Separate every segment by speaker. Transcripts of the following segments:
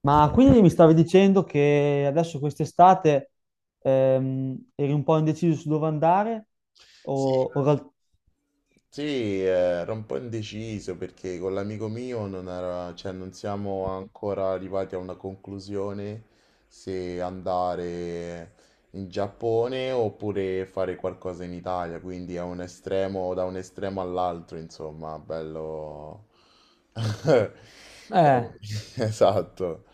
Speaker 1: Ma quindi mi stavi dicendo che adesso quest'estate eri un po' indeciso su dove andare?
Speaker 2: Sì,
Speaker 1: O, o ral-
Speaker 2: sì, ero un po' indeciso perché con l'amico mio non era- cioè, non siamo ancora arrivati a una conclusione se andare in Giappone oppure fare qualcosa in Italia, quindi è un estremo, da un estremo all'altro, insomma, bello.
Speaker 1: eh,
Speaker 2: Eh, Esatto.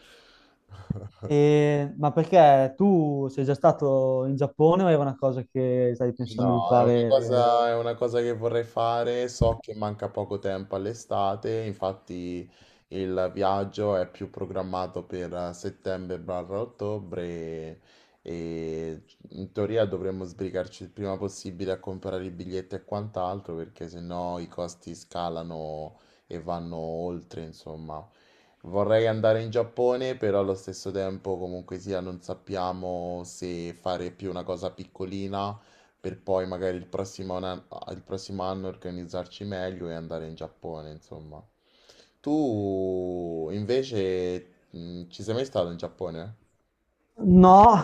Speaker 1: ma perché tu sei già stato in Giappone o era una cosa che stavi pensando di
Speaker 2: No, è una
Speaker 1: fare?
Speaker 2: cosa, è una cosa che vorrei fare. So che manca poco tempo all'estate, infatti il viaggio è più programmato per settembre-ottobre e in teoria dovremmo sbrigarci il prima possibile a comprare i biglietti e quant'altro perché sennò i costi scalano e vanno oltre, insomma. Vorrei andare in Giappone, però allo stesso tempo comunque sia non sappiamo se fare più una cosa piccolina per poi magari il prossimo anno organizzarci meglio e andare in Giappone, insomma. Tu invece ci sei mai stato in Giappone?
Speaker 1: No,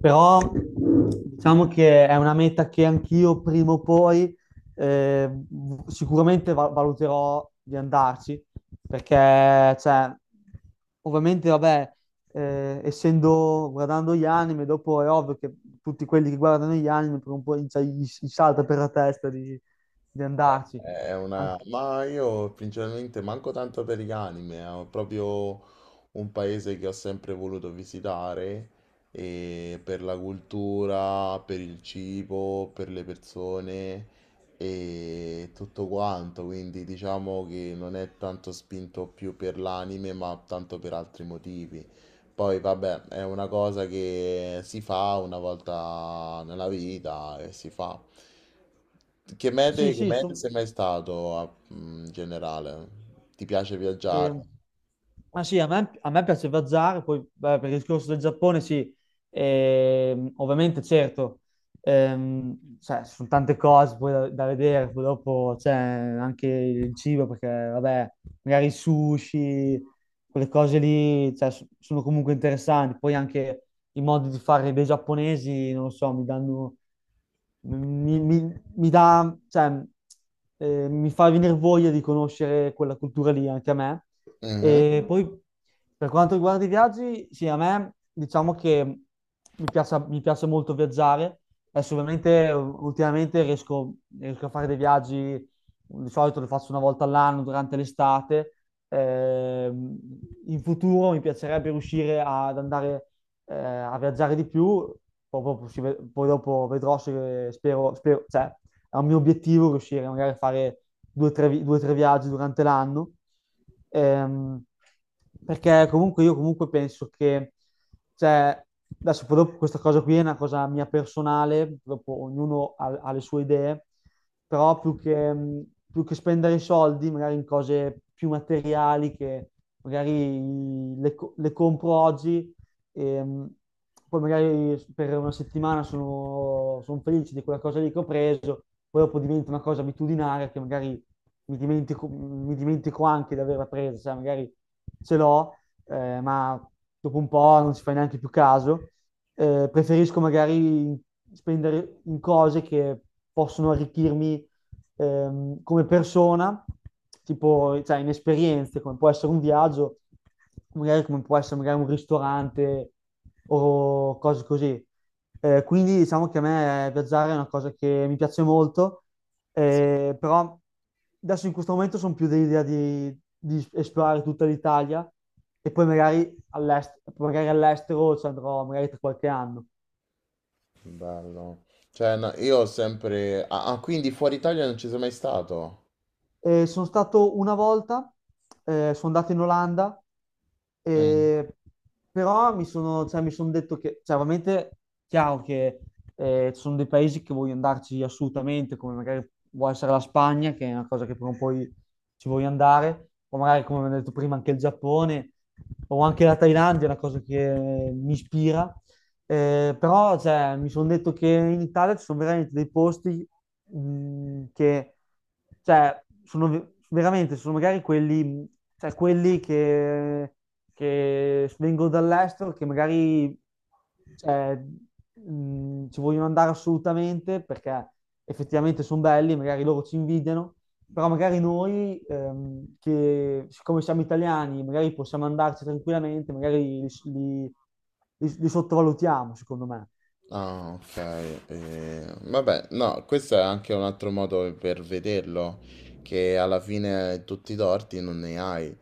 Speaker 1: però diciamo che è una meta che anch'io prima o poi, eh, sicuramente valuterò di andarci, perché cioè, ovviamente, vabbè, essendo guardando gli anime, dopo è ovvio che tutti quelli che guardano gli anime per un po' cioè, gli salta per la testa di, andarci.
Speaker 2: Eh,
Speaker 1: Anche-
Speaker 2: Ma io principalmente manco tanto per gli anime, è proprio un paese che ho sempre voluto visitare e per la cultura, per il cibo, per le persone e tutto quanto, quindi diciamo che non è tanto spinto più per l'anime, ma tanto per altri motivi. Poi vabbè, è una cosa che si fa una volta nella vita e si fa. Che
Speaker 1: sì,
Speaker 2: mete, che
Speaker 1: sì,
Speaker 2: mete sei mai stato in generale? Ti piace viaggiare?
Speaker 1: E- ah sì, a me piace viaggiare. Poi beh, per il discorso del Giappone sì, ovviamente certo, cioè, ci sono tante cose poi da vedere. Poi dopo c'è anche il cibo perché vabbè, magari sushi, quelle cose lì, cioè, sono comunque interessanti. Poi anche i modi di fare dei giapponesi, non lo so, mi dà, cioè, mi fa venire voglia di conoscere quella cultura lì anche a me.
Speaker 2: Mhm.
Speaker 1: E poi per quanto riguarda i viaggi, sì, a me diciamo che mi piace molto viaggiare. Adesso ovviamente ultimamente riesco a fare dei viaggi, di solito le faccio una volta all'anno durante l'estate. In futuro mi piacerebbe riuscire ad andare, a viaggiare di più, proprio poi dopo vedrò se cioè, è un mio obiettivo riuscire magari a fare due o tre viaggi durante l'anno. Ehm, Perché comunque io comunque penso che, cioè, adesso poi dopo questa cosa qui è una cosa mia personale. Dopo ognuno ha le sue idee, però più che spendere i soldi magari in cose più materiali che magari le compro oggi e, poi magari per una settimana sono felice di quella cosa lì che ho preso, poi dopo diventa una cosa abitudinaria che magari mi dimentico anche di averla presa, sai, magari ce l'ho, ma dopo un po' non ci fai neanche più caso. Preferisco magari spendere in cose che possono arricchirmi, come persona, tipo cioè, in esperienze, come può essere un viaggio, magari come può essere magari un ristorante o cose così. Quindi diciamo che a me viaggiare è una cosa che mi piace molto,
Speaker 2: Sì,
Speaker 1: però adesso in questo momento sono più dell'idea di esplorare tutta l'Italia e poi magari magari all'estero ci andrò magari tra qualche anno.
Speaker 2: bello. Cioè, no. Ah, ah, quindi fuori Italia non ci sei mai stato?
Speaker 1: Sono stato una volta, sono andato in Olanda, eh, però cioè, mi sono detto che, cioè, ovviamente, chiaro che ci sono dei paesi che voglio andarci assolutamente, come magari può essere la Spagna, che è una cosa che prima o poi ci voglio andare, o magari, come ho detto prima, anche il Giappone, o anche la Thailandia, è una cosa che mi ispira, però cioè, mi sono detto che in Italia ci sono veramente dei posti, che cioè, sono veramente sono magari quelli, cioè, quelli che vengono dall'estero che magari cioè, ci vogliono andare assolutamente perché effettivamente sono belli, magari loro ci invidiano, però magari noi, che siccome siamo italiani, magari possiamo andarci tranquillamente, magari li- li sottovalutiamo, secondo me.
Speaker 2: Ah, ok. Eh, vabbè, no, questo è anche un altro modo per vederlo, che alla fine tutti i torti non ne hai.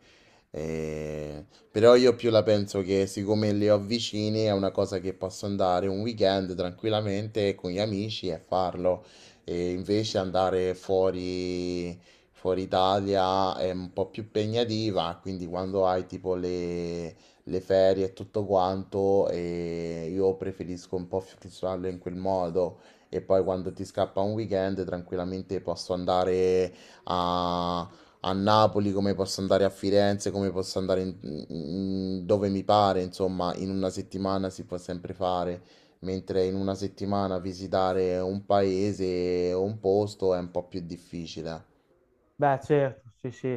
Speaker 2: Però io più la penso che siccome li ho vicini è una cosa che posso andare un weekend tranquillamente con gli amici e farlo. E invece andare fuori Italia è un po' più impegnativa, quindi quando hai tipo le ferie e tutto quanto e io preferisco un po' fissarlo in quel modo e poi quando ti scappa un weekend tranquillamente posso andare a, a Napoli, come posso andare a Firenze, come posso andare dove mi pare, insomma, in una settimana si può sempre fare, mentre in una settimana visitare un paese o un posto è un po' più difficile.
Speaker 1: Beh, certo, sì, sì.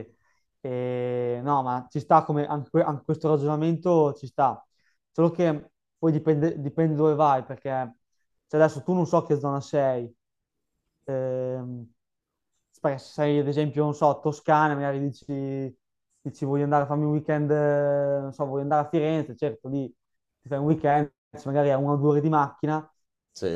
Speaker 1: E, no, ma ci sta come anche, anche questo ragionamento ci sta. Solo che poi dipende dove vai, perché cioè adesso tu non so che zona sei. Ehm, Perché se sei ad esempio, non so, Toscana, magari dici voglio andare a farmi un weekend, non so, voglio andare a Firenze, certo, lì ti fai un weekend, magari a una o due ore di macchina.
Speaker 2: Sì.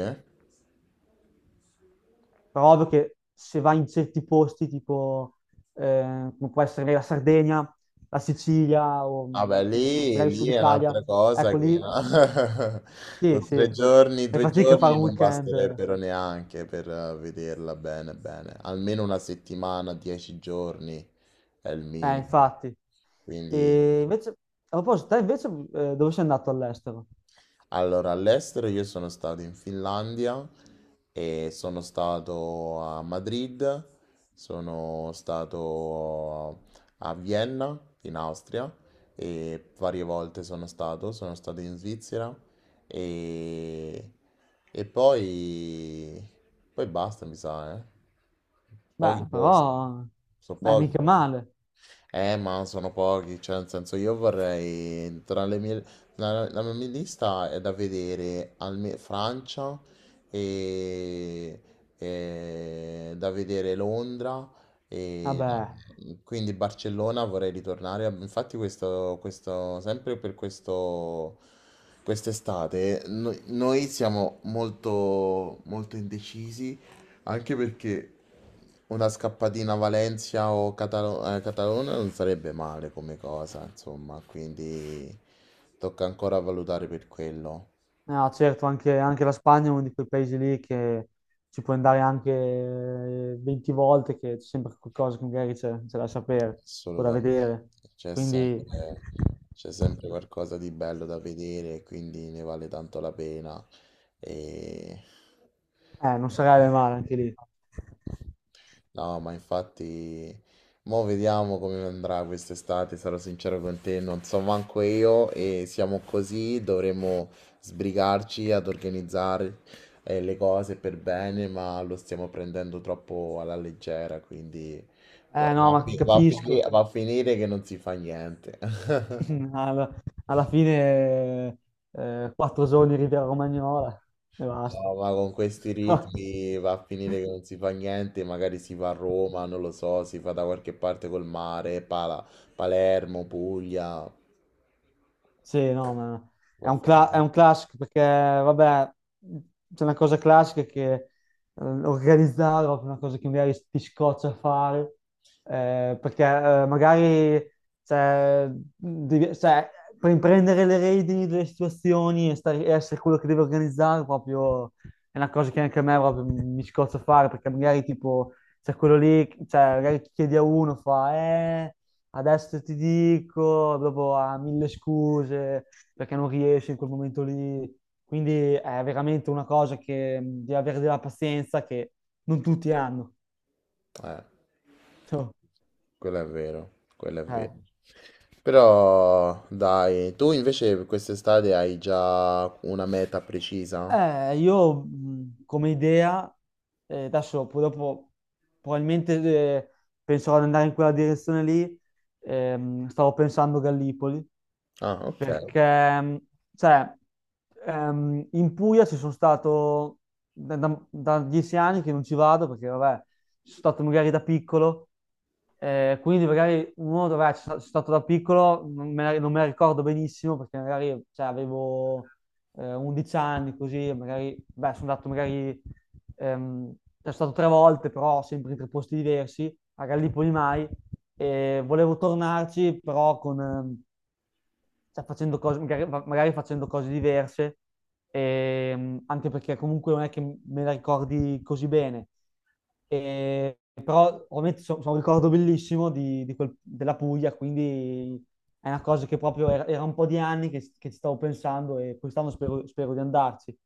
Speaker 1: Però ovvio che se vai in certi posti, tipo come può essere la Sardegna, la Sicilia o
Speaker 2: Vabbè, lì,
Speaker 1: magari il
Speaker 2: lì
Speaker 1: Sud
Speaker 2: è
Speaker 1: Italia,
Speaker 2: un'altra cosa
Speaker 1: ecco
Speaker 2: che
Speaker 1: lì sì,
Speaker 2: no?
Speaker 1: sì,
Speaker 2: 3 giorni,
Speaker 1: fai
Speaker 2: due
Speaker 1: fatica a fare
Speaker 2: giorni
Speaker 1: un
Speaker 2: non
Speaker 1: weekend,
Speaker 2: basterebbero neanche per vederla bene, bene. Almeno una settimana, 10 giorni è il minimo.
Speaker 1: infatti.
Speaker 2: Quindi.
Speaker 1: E invece, a proposito, te invece dove sei andato all'estero?
Speaker 2: Allora, all'estero io sono stato in Finlandia e sono stato a Madrid, sono stato a Vienna, in Austria, e varie volte sono stato in Svizzera e, e poi, basta, mi sa, eh. Pochi
Speaker 1: Beh,
Speaker 2: posti,
Speaker 1: però,
Speaker 2: sono
Speaker 1: beh,
Speaker 2: pochi
Speaker 1: mica
Speaker 2: però.
Speaker 1: male.
Speaker 2: Ma sono pochi, cioè nel senso io vorrei tra le mie la mia lista è da vedere Francia e, e da vedere Londra e da-
Speaker 1: Vabbè.
Speaker 2: quindi Barcellona vorrei ritornare. Infatti questo sempre per questo quest'estate noi siamo molto molto indecisi, anche perché una scappatina a Valencia o Catalona non sarebbe male come cosa, insomma, quindi tocca ancora valutare per quello.
Speaker 1: No, certo, anche la Spagna è uno di quei paesi lì che ci puoi andare anche 20 volte, che c'è sempre qualcosa che magari c'è da sapere o da
Speaker 2: Assolutamente,
Speaker 1: vedere.
Speaker 2: c'è
Speaker 1: Quindi
Speaker 2: sempre, c'è sempre qualcosa di bello da vedere, quindi ne vale tanto la pena. E...
Speaker 1: non sarebbe male anche lì.
Speaker 2: No, ma infatti, mo vediamo come andrà quest'estate, sarò sincero con te, non so manco io e siamo così, dovremo sbrigarci ad organizzare le cose per bene, ma lo stiamo prendendo troppo alla leggera, quindi
Speaker 1: Eh no, ma capisco.
Speaker 2: va a finire che non si fa niente.
Speaker 1: Alla, alla fine 4 giorni in Riviera Romagnola e basta.
Speaker 2: No, ma con questi ritmi va a finire che non si fa niente, magari si va a Roma, non lo so, si fa da qualche parte col mare, Palermo, Puglia.
Speaker 1: Sì, no, ma
Speaker 2: Va a
Speaker 1: è
Speaker 2: finire.
Speaker 1: un classico perché, vabbè, c'è una cosa classica che organizzare è proprio una cosa che magari ti scoccia a fare, perché magari cioè, cioè, per prendere le redini delle situazioni e essere quello che deve organizzare proprio è una cosa che anche a me proprio mi scoccia a fare, perché magari tipo c'è quello lì, cioè, magari chiedi a uno, fa. Adesso ti dico, dopo ha mille scuse perché non riesce in quel momento lì. Quindi è veramente una cosa che devi avere della pazienza che non tutti hanno.
Speaker 2: Eh,
Speaker 1: Cioè,
Speaker 2: quello è vero, quello è
Speaker 1: eh.
Speaker 2: vero. Però dai, tu invece per quest'estate hai già una meta precisa?
Speaker 1: Io come idea, adesso poi dopo probabilmente penserò ad andare in quella direzione lì. Stavo pensando Gallipoli,
Speaker 2: Ah, ok.
Speaker 1: perché, cioè, in Puglia ci sono stato da 10 anni che non ci vado perché, vabbè, ci sono stato magari da piccolo, quindi magari uno, vabbè, ci sono stato da piccolo, non me la ricordo benissimo perché magari, cioè, avevo 11 anni, così, magari, beh, sono andato magari, ehm, sono stato tre volte, però sempre in tre posti diversi, a Gallipoli mai, e volevo tornarci, però con, cioè, facendo cose, magari facendo cose diverse, anche perché comunque non è che me la ricordi così bene. Però ovviamente sono un ricordo bellissimo della Puglia, quindi è una cosa che proprio era un po' di anni che ci stavo pensando e quest'anno spero di andarci.